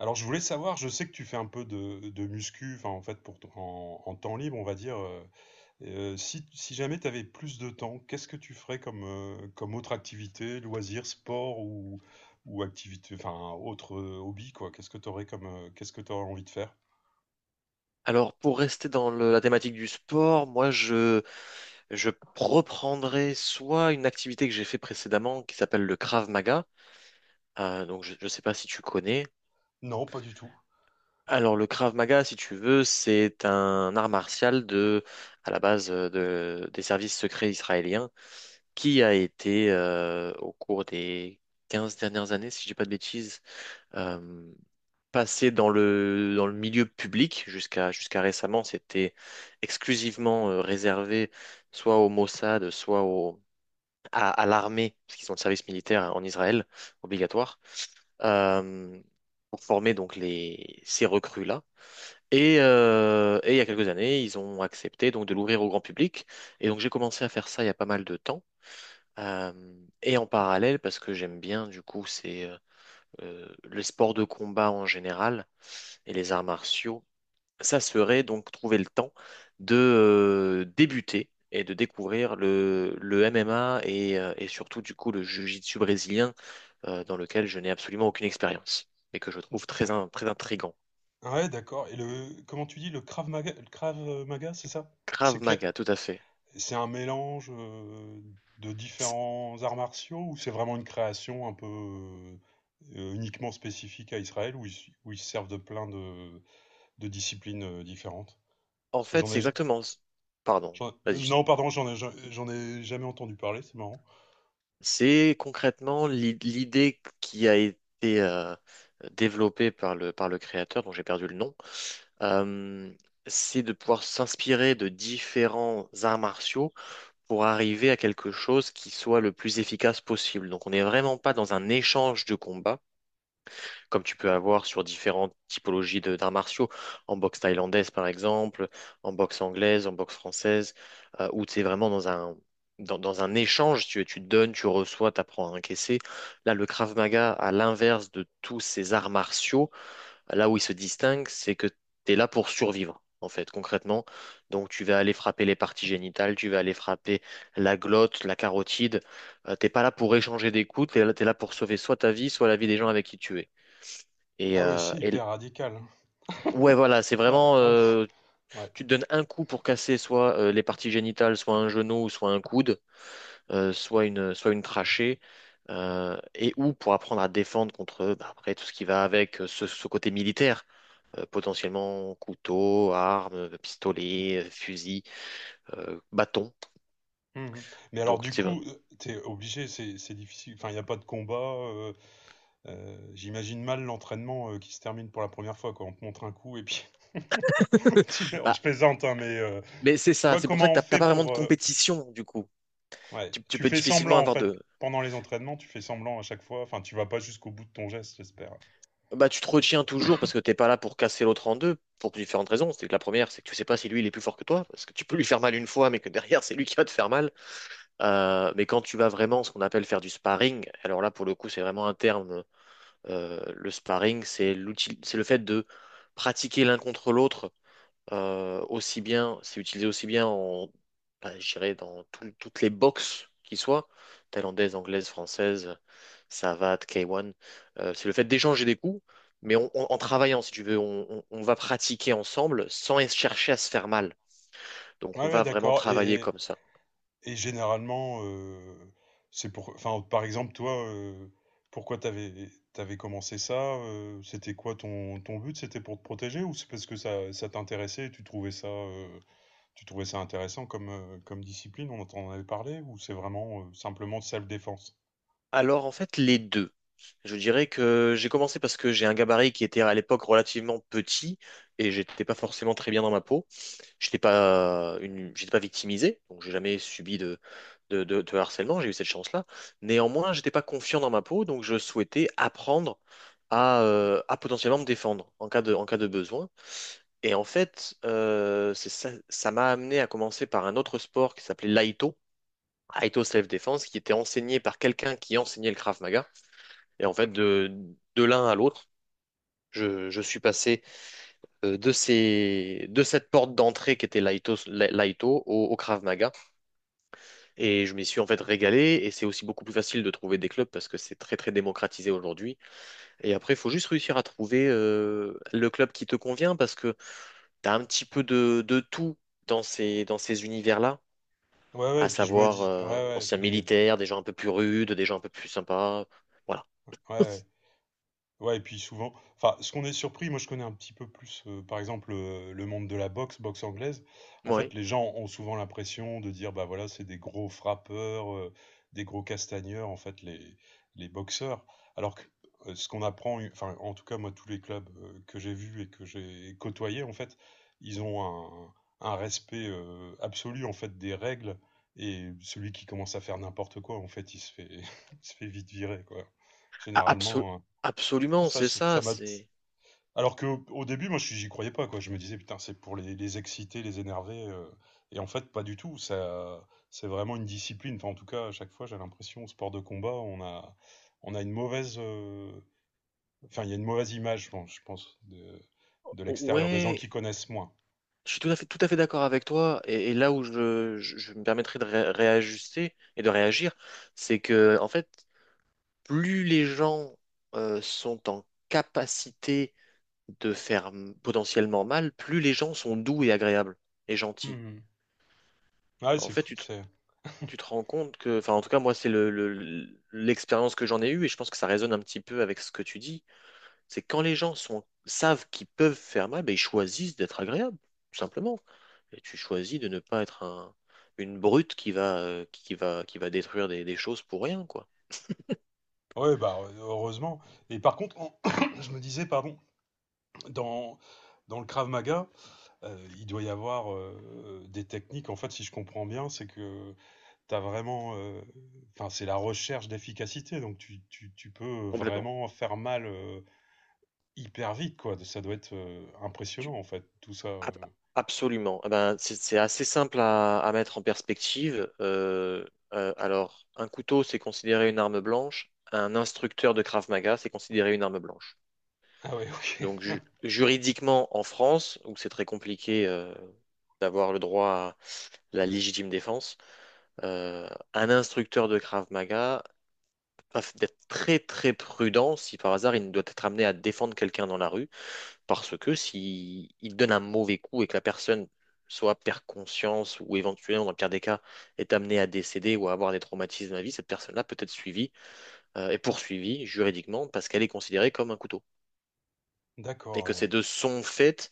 Alors, je voulais savoir, je sais que tu fais un peu de muscu, enfin, en fait, pour en temps libre, on va dire. Si, si jamais tu avais plus de temps, qu'est-ce que tu ferais comme, comme autre activité, loisir, sport ou activité, enfin, autre hobby, quoi? Qu'est-ce que tu aurais comme, qu'est-ce que tu aurais envie de faire? Alors, pour rester dans la thématique du sport, moi, je reprendrai soit une activité que j'ai fait précédemment qui s'appelle le Krav Maga. Donc, je ne sais pas si tu connais. Non, pas du tout. Alors, le Krav Maga, si tu veux, c'est un art martial de, à la base des services secrets israéliens qui a été au cours des 15 dernières années, si je dis pas de bêtises, euh, passé dans le milieu public. Jusqu'à récemment, c'était exclusivement réservé soit au Mossad, soit à l'armée, parce qu'ils ont le service militaire hein, en Israël obligatoire, euh, pour former donc ces recrues-là. Et il y a quelques années, ils ont accepté donc de l'ouvrir au grand public. Et donc j'ai commencé à faire ça il y a pas mal de temps. Euh, et en parallèle, parce que j'aime bien du coup, c'est le sport de combat en général et les arts martiaux, ça serait donc trouver le temps de débuter et de découvrir le MMA et surtout du coup le jiu-jitsu brésilien, dans lequel je n'ai absolument aucune expérience et que je trouve Ah, très intriguant. ouais, d'accord. Et le, comment tu dis, le Krav Maga, c'est ça? C'est Krav que- Maga, tout à fait. C'est un mélange de C'est- différents arts martiaux, ou c'est vraiment une création un peu uniquement spécifique à Israël où ils se servent de plein de disciplines différentes? En Parce que fait, j'en c'est ai, exactement... Pardon, j'en- vas-y. Non, pardon, j'en ai jamais entendu parler, c'est marrant. C'est concrètement l'idée qui a été développée par le créateur, dont j'ai perdu le nom. euh, c'est de pouvoir s'inspirer de différents arts martiaux pour arriver à quelque chose qui soit le plus efficace possible. Donc on n'est vraiment pas dans un échange de combat, comme tu peux avoir sur différentes typologies de d'arts martiaux, en boxe thaïlandaise par exemple, en boxe anglaise, en boxe française, où tu es vraiment dans un échange, tu donnes, tu reçois, tu apprends à encaisser. Là, le Krav Maga, à l'inverse de tous ces arts martiaux, là où il se distingue, c'est que tu es là pour survivre, en fait, concrètement. Donc, tu vas aller frapper les parties génitales, tu vas aller frapper la glotte, la carotide. T'es pas là pour échanger des coups, t'es là pour sauver soit ta vie, soit la vie des gens avec qui tu es. Et, Ah ouais, euh, c'est et l- hyper radical. ouais, voilà, c'est Ouais, vraiment, ah, ouf, euh, ouais. tu te donnes un coup pour casser soit les parties génitales, soit un genou, soit un coude, soit une trachée. Et ou pour apprendre à défendre contre, bah, après, tout ce qui va avec ce côté militaire, potentiellement couteau, arme, pistolet, fusil, bâton. Mhm. Mais alors Donc, du c'est vrai. coup, t'es obligé, c'est difficile. Enfin, il n'y a pas de combat. J'imagine mal l'entraînement qui se termine pour la première fois, quoi. On te montre un coup et puis tu meurs. Je Bah, plaisante, hein, mais mais c'est tu ça, vois c'est pour ça comment que on t'as fait pas vraiment de pour. Compétition, du coup. Ouais. Tu Tu peux fais difficilement semblant, en avoir fait. de... Pendant les entraînements, tu fais semblant à chaque fois. Enfin, tu vas pas jusqu'au bout de ton geste, j'espère. Bah, tu te retiens toujours parce que t'es pas là pour casser l'autre en deux, pour différentes raisons. C'est que la première, c'est que tu sais pas si lui, il est plus fort que toi, parce que tu peux lui faire mal une fois, mais que derrière, c'est lui qui va te faire mal. Mais quand tu vas vraiment, ce qu'on appelle faire du sparring, alors là, pour le coup, c'est vraiment un terme. Le sparring, c'est l'outil, c'est le fait de pratiquer l'un contre l'autre. Aussi bien, c'est utilisé aussi bien en, bah, je dirais dans toutes les boxes qui soient, thaïlandaises, anglaises, françaises, Savate, K1. C'est le fait d'échanger des coups, mais en travaillant, si tu veux, on va pratiquer ensemble sans chercher à se faire mal. Ouais, Donc on ouais, va vraiment d'accord. travailler comme ça. Et généralement, c'est pour. Enfin, par exemple, toi, pourquoi t'avais commencé ça? C'était quoi ton but? C'était pour te protéger, ou c'est parce que ça t'intéressait et tu trouvais ça intéressant comme, comme discipline? On en avait parlé, ou c'est vraiment simplement de self-défense? Alors, en fait, les deux. Je dirais que j'ai commencé parce que j'ai un gabarit qui était à l'époque relativement petit et j'étais pas forcément très bien dans ma peau. J'étais pas victimisé, donc j'ai jamais subi de harcèlement, j'ai eu cette chance-là. Néanmoins, j'étais pas confiant dans ma peau, donc je souhaitais apprendre à potentiellement me défendre en cas de besoin. Et en fait, c'est ça, ça m'a amené à commencer par un autre sport qui s'appelait l'Aïto, Aïto Self Defense, qui était enseigné par quelqu'un qui enseignait le Krav Maga. Et en fait, de, de l'un à l'autre, je suis passé de cette porte d'entrée qui était Laito, au Krav Maga. Et je m'y suis en fait régalé. Et c'est aussi beaucoup plus facile de trouver des clubs parce que c'est très très démocratisé aujourd'hui. Et après, il faut juste réussir à trouver le club qui te convient parce que tu as un petit peu de tout dans ces univers-là, Ouais, ouais, et à puis je me savoir dis, ouais, ouais, anciens les, ouais, militaires, des gens un peu plus rudes, des gens un peu plus sympas. Voilà. ouais. Ouais, et puis souvent, enfin, ce qu'on est surpris, moi je connais un petit peu plus, par exemple, le monde de la boxe, boxe anglaise. En Oui. fait, les gens ont souvent l'impression de dire, bah voilà, c'est des gros frappeurs, des gros castagneurs, en fait, les boxeurs. Alors que ce qu'on apprend, enfin, en tout cas, moi, tous les clubs que j'ai vus et que j'ai côtoyés, en fait, ils ont un respect absolu, en fait, des règles. Et celui qui commence à faire n'importe quoi, en fait, il se fait, il se fait vite virer, quoi. Généralement. Absolument, c'est Ça ça. m'a. C'est. Alors que au début, moi, j'y croyais pas, quoi. Je me disais, putain, c'est pour les exciter, les énerver. Et en fait, pas du tout. Ça, c'est vraiment une discipline. Enfin, en tout cas, à chaque fois, j'ai l'impression, au sport de combat, on a une mauvaise. Enfin, il y a une mauvaise image, je pense, Oh, de l'extérieur, des gens ouais, qui connaissent moins. je suis tout à fait d'accord avec toi. Et, là où je me permettrai de réajuster et de réagir, c'est que, en fait, plus les gens sont en capacité de faire potentiellement mal, plus les gens sont doux et agréables et gentils. Mhm. Ouais, En c'est fait, fou. tu te, C'est. tu te rends compte que, enfin, en tout cas, moi, c'est l'expérience que j'en ai eue, et je pense que ça résonne un petit peu avec ce que tu dis. C'est quand les gens sont, savent qu'ils peuvent faire mal, ben, ils choisissent d'être agréables, tout simplement. Et tu choisis de ne pas être une brute qui va détruire des choses pour rien, quoi. Ouais, bah, heureusement. Et par contre, en- je me disais, pardon, dans, dans le Krav Maga. Il doit y avoir, des techniques en fait, si je comprends bien, c'est que tu as vraiment, enfin, c'est la recherche d'efficacité, donc tu peux Complètement. vraiment faire mal, hyper vite, quoi. Ça doit être, impressionnant Tu- en fait tout ça, heu? ab- Absolument. Eh ben, c'est assez simple à mettre en perspective. Alors, un couteau, c'est considéré une arme blanche. Un instructeur de Krav Maga, c'est considéré une arme blanche. Ah ouais, Donc, OK. Juridiquement, en France, où c'est très compliqué, d'avoir le droit à la légitime défense, euh, un instructeur de Krav Maga va d'être très très prudent si par hasard il doit être amené à défendre quelqu'un dans la rue, parce que si il donne un mauvais coup et que la personne soit perd conscience ou éventuellement dans le pire des cas est amenée à décéder ou à avoir des traumatismes à la vie, cette personne-là peut être suivie et poursuivie juridiquement parce qu'elle est considérée comme un couteau et D'accord, que ces ouais. deux sont faites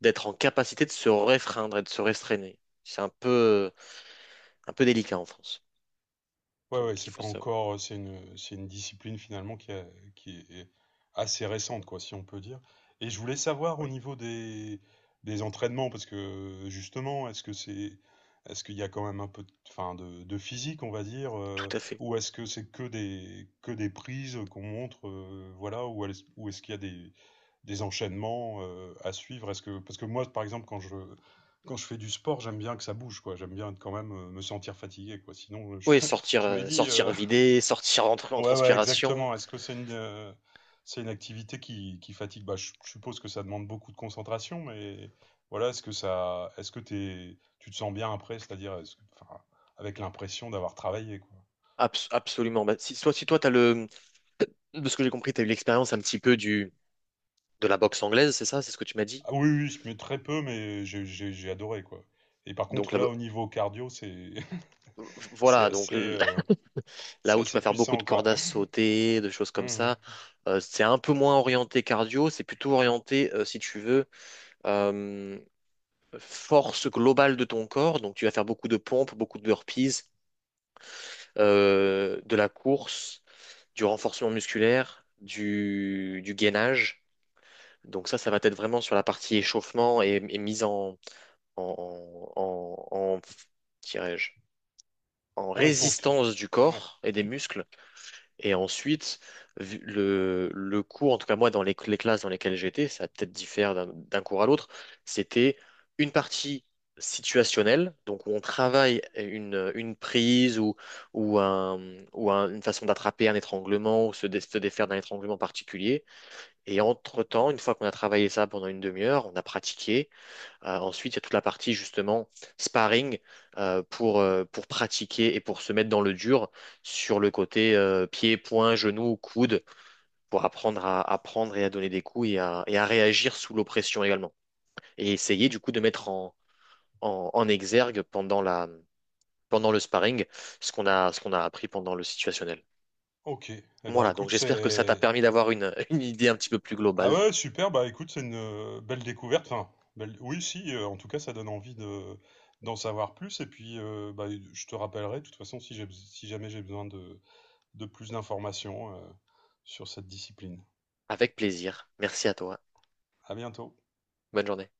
d'être en capacité de se réfreindre et de se restreindre. C'est un peu délicat en France, Ouais, ouais, donc il c'est pas faut savoir. encore, c'est une discipline finalement qui est assez récente, quoi, si on peut dire. Et je voulais savoir au Oui, niveau des entraînements, parce que justement, est-ce que c'est, est-ce qu'il y a quand même un peu, de, enfin, de physique, on va dire, tout à fait. ou est-ce que c'est que des prises qu'on montre, voilà, ou est-ce qu'il y a des enchaînements, à suivre? Est-ce que, parce que moi, par exemple, quand je fais du sport, j'aime bien que ça bouge, quoi. J'aime bien être quand même me sentir fatigué, quoi. Sinon, Oui, sortir, je me euh, dis, sortir vidé, sortir en ouais, ouais, transpiration, exactement. Est-ce que c'est une activité qui fatigue? Bah, je suppose que ça demande beaucoup de concentration, mais voilà, est-ce que ça, est-ce que t'es tu te sens bien après? C'est-à-dire, est-ce que, enfin, avec l'impression d'avoir travaillé, quoi? Absolument. Bah, si, soit si toi, t'as de ce que j'ai compris, tu as eu l'expérience un petit peu du, de la boxe anglaise, c'est ça? C'est ce que tu m'as dit? Ah oui, oui, je mets très peu, mais j'ai adoré, quoi, et par Donc contre, la là, bo- au niveau cardio, c'est c'est voilà, assez, heu, là c'est où tu assez vas faire beaucoup de puissant, cordes quoi. à sauter, de choses comme Mmh. ça, c'est un peu moins orienté cardio, c'est plutôt orienté, si tu veux, euh, force globale de ton corps. Donc tu vas faire beaucoup de pompes, beaucoup de burpees, de la course, du renforcement musculaire, du gainage. Donc ça va être vraiment sur la partie échauffement et mise en, en, en, en- dirais-je, en Ouais, pour tout, résistance du ouais. corps et des muscles. Et ensuite, le cours, en tout cas moi, dans les classes dans lesquelles j'étais, ça peut-être diffère d'un cours à l'autre, c'était une partie situationnelle, donc où on travaille une prise ou, un, une façon d'attraper un étranglement ou se défaire d'un étranglement particulier. Et entre-temps, une fois qu'on a travaillé ça pendant une demi-heure, on a pratiqué. Ensuite, il y a toute la partie justement sparring pour pratiquer et pour se mettre dans le dur sur le côté pied, poing, genou, coude, pour apprendre à prendre et à donner des coups et à réagir sous l'oppression également. Et essayer du coup de mettre en exergue pendant la, pendant le sparring ce qu'on a appris pendant le situationnel. OK. Et ben Voilà, donc écoute, j'espère que ça t'a c'est permis d'avoir une, une idée un petit peu plus ah globale. ouais, super, bah écoute, c'est une belle découverte. Enfin, belle- oui, si, en tout cas, ça donne envie de d'en savoir plus. Et puis, bah, je te rappellerai, de toute façon, si j'ai, si jamais j'ai besoin de plus d'informations, sur cette discipline. Avec plaisir. Merci à toi. À bientôt. Bonne journée.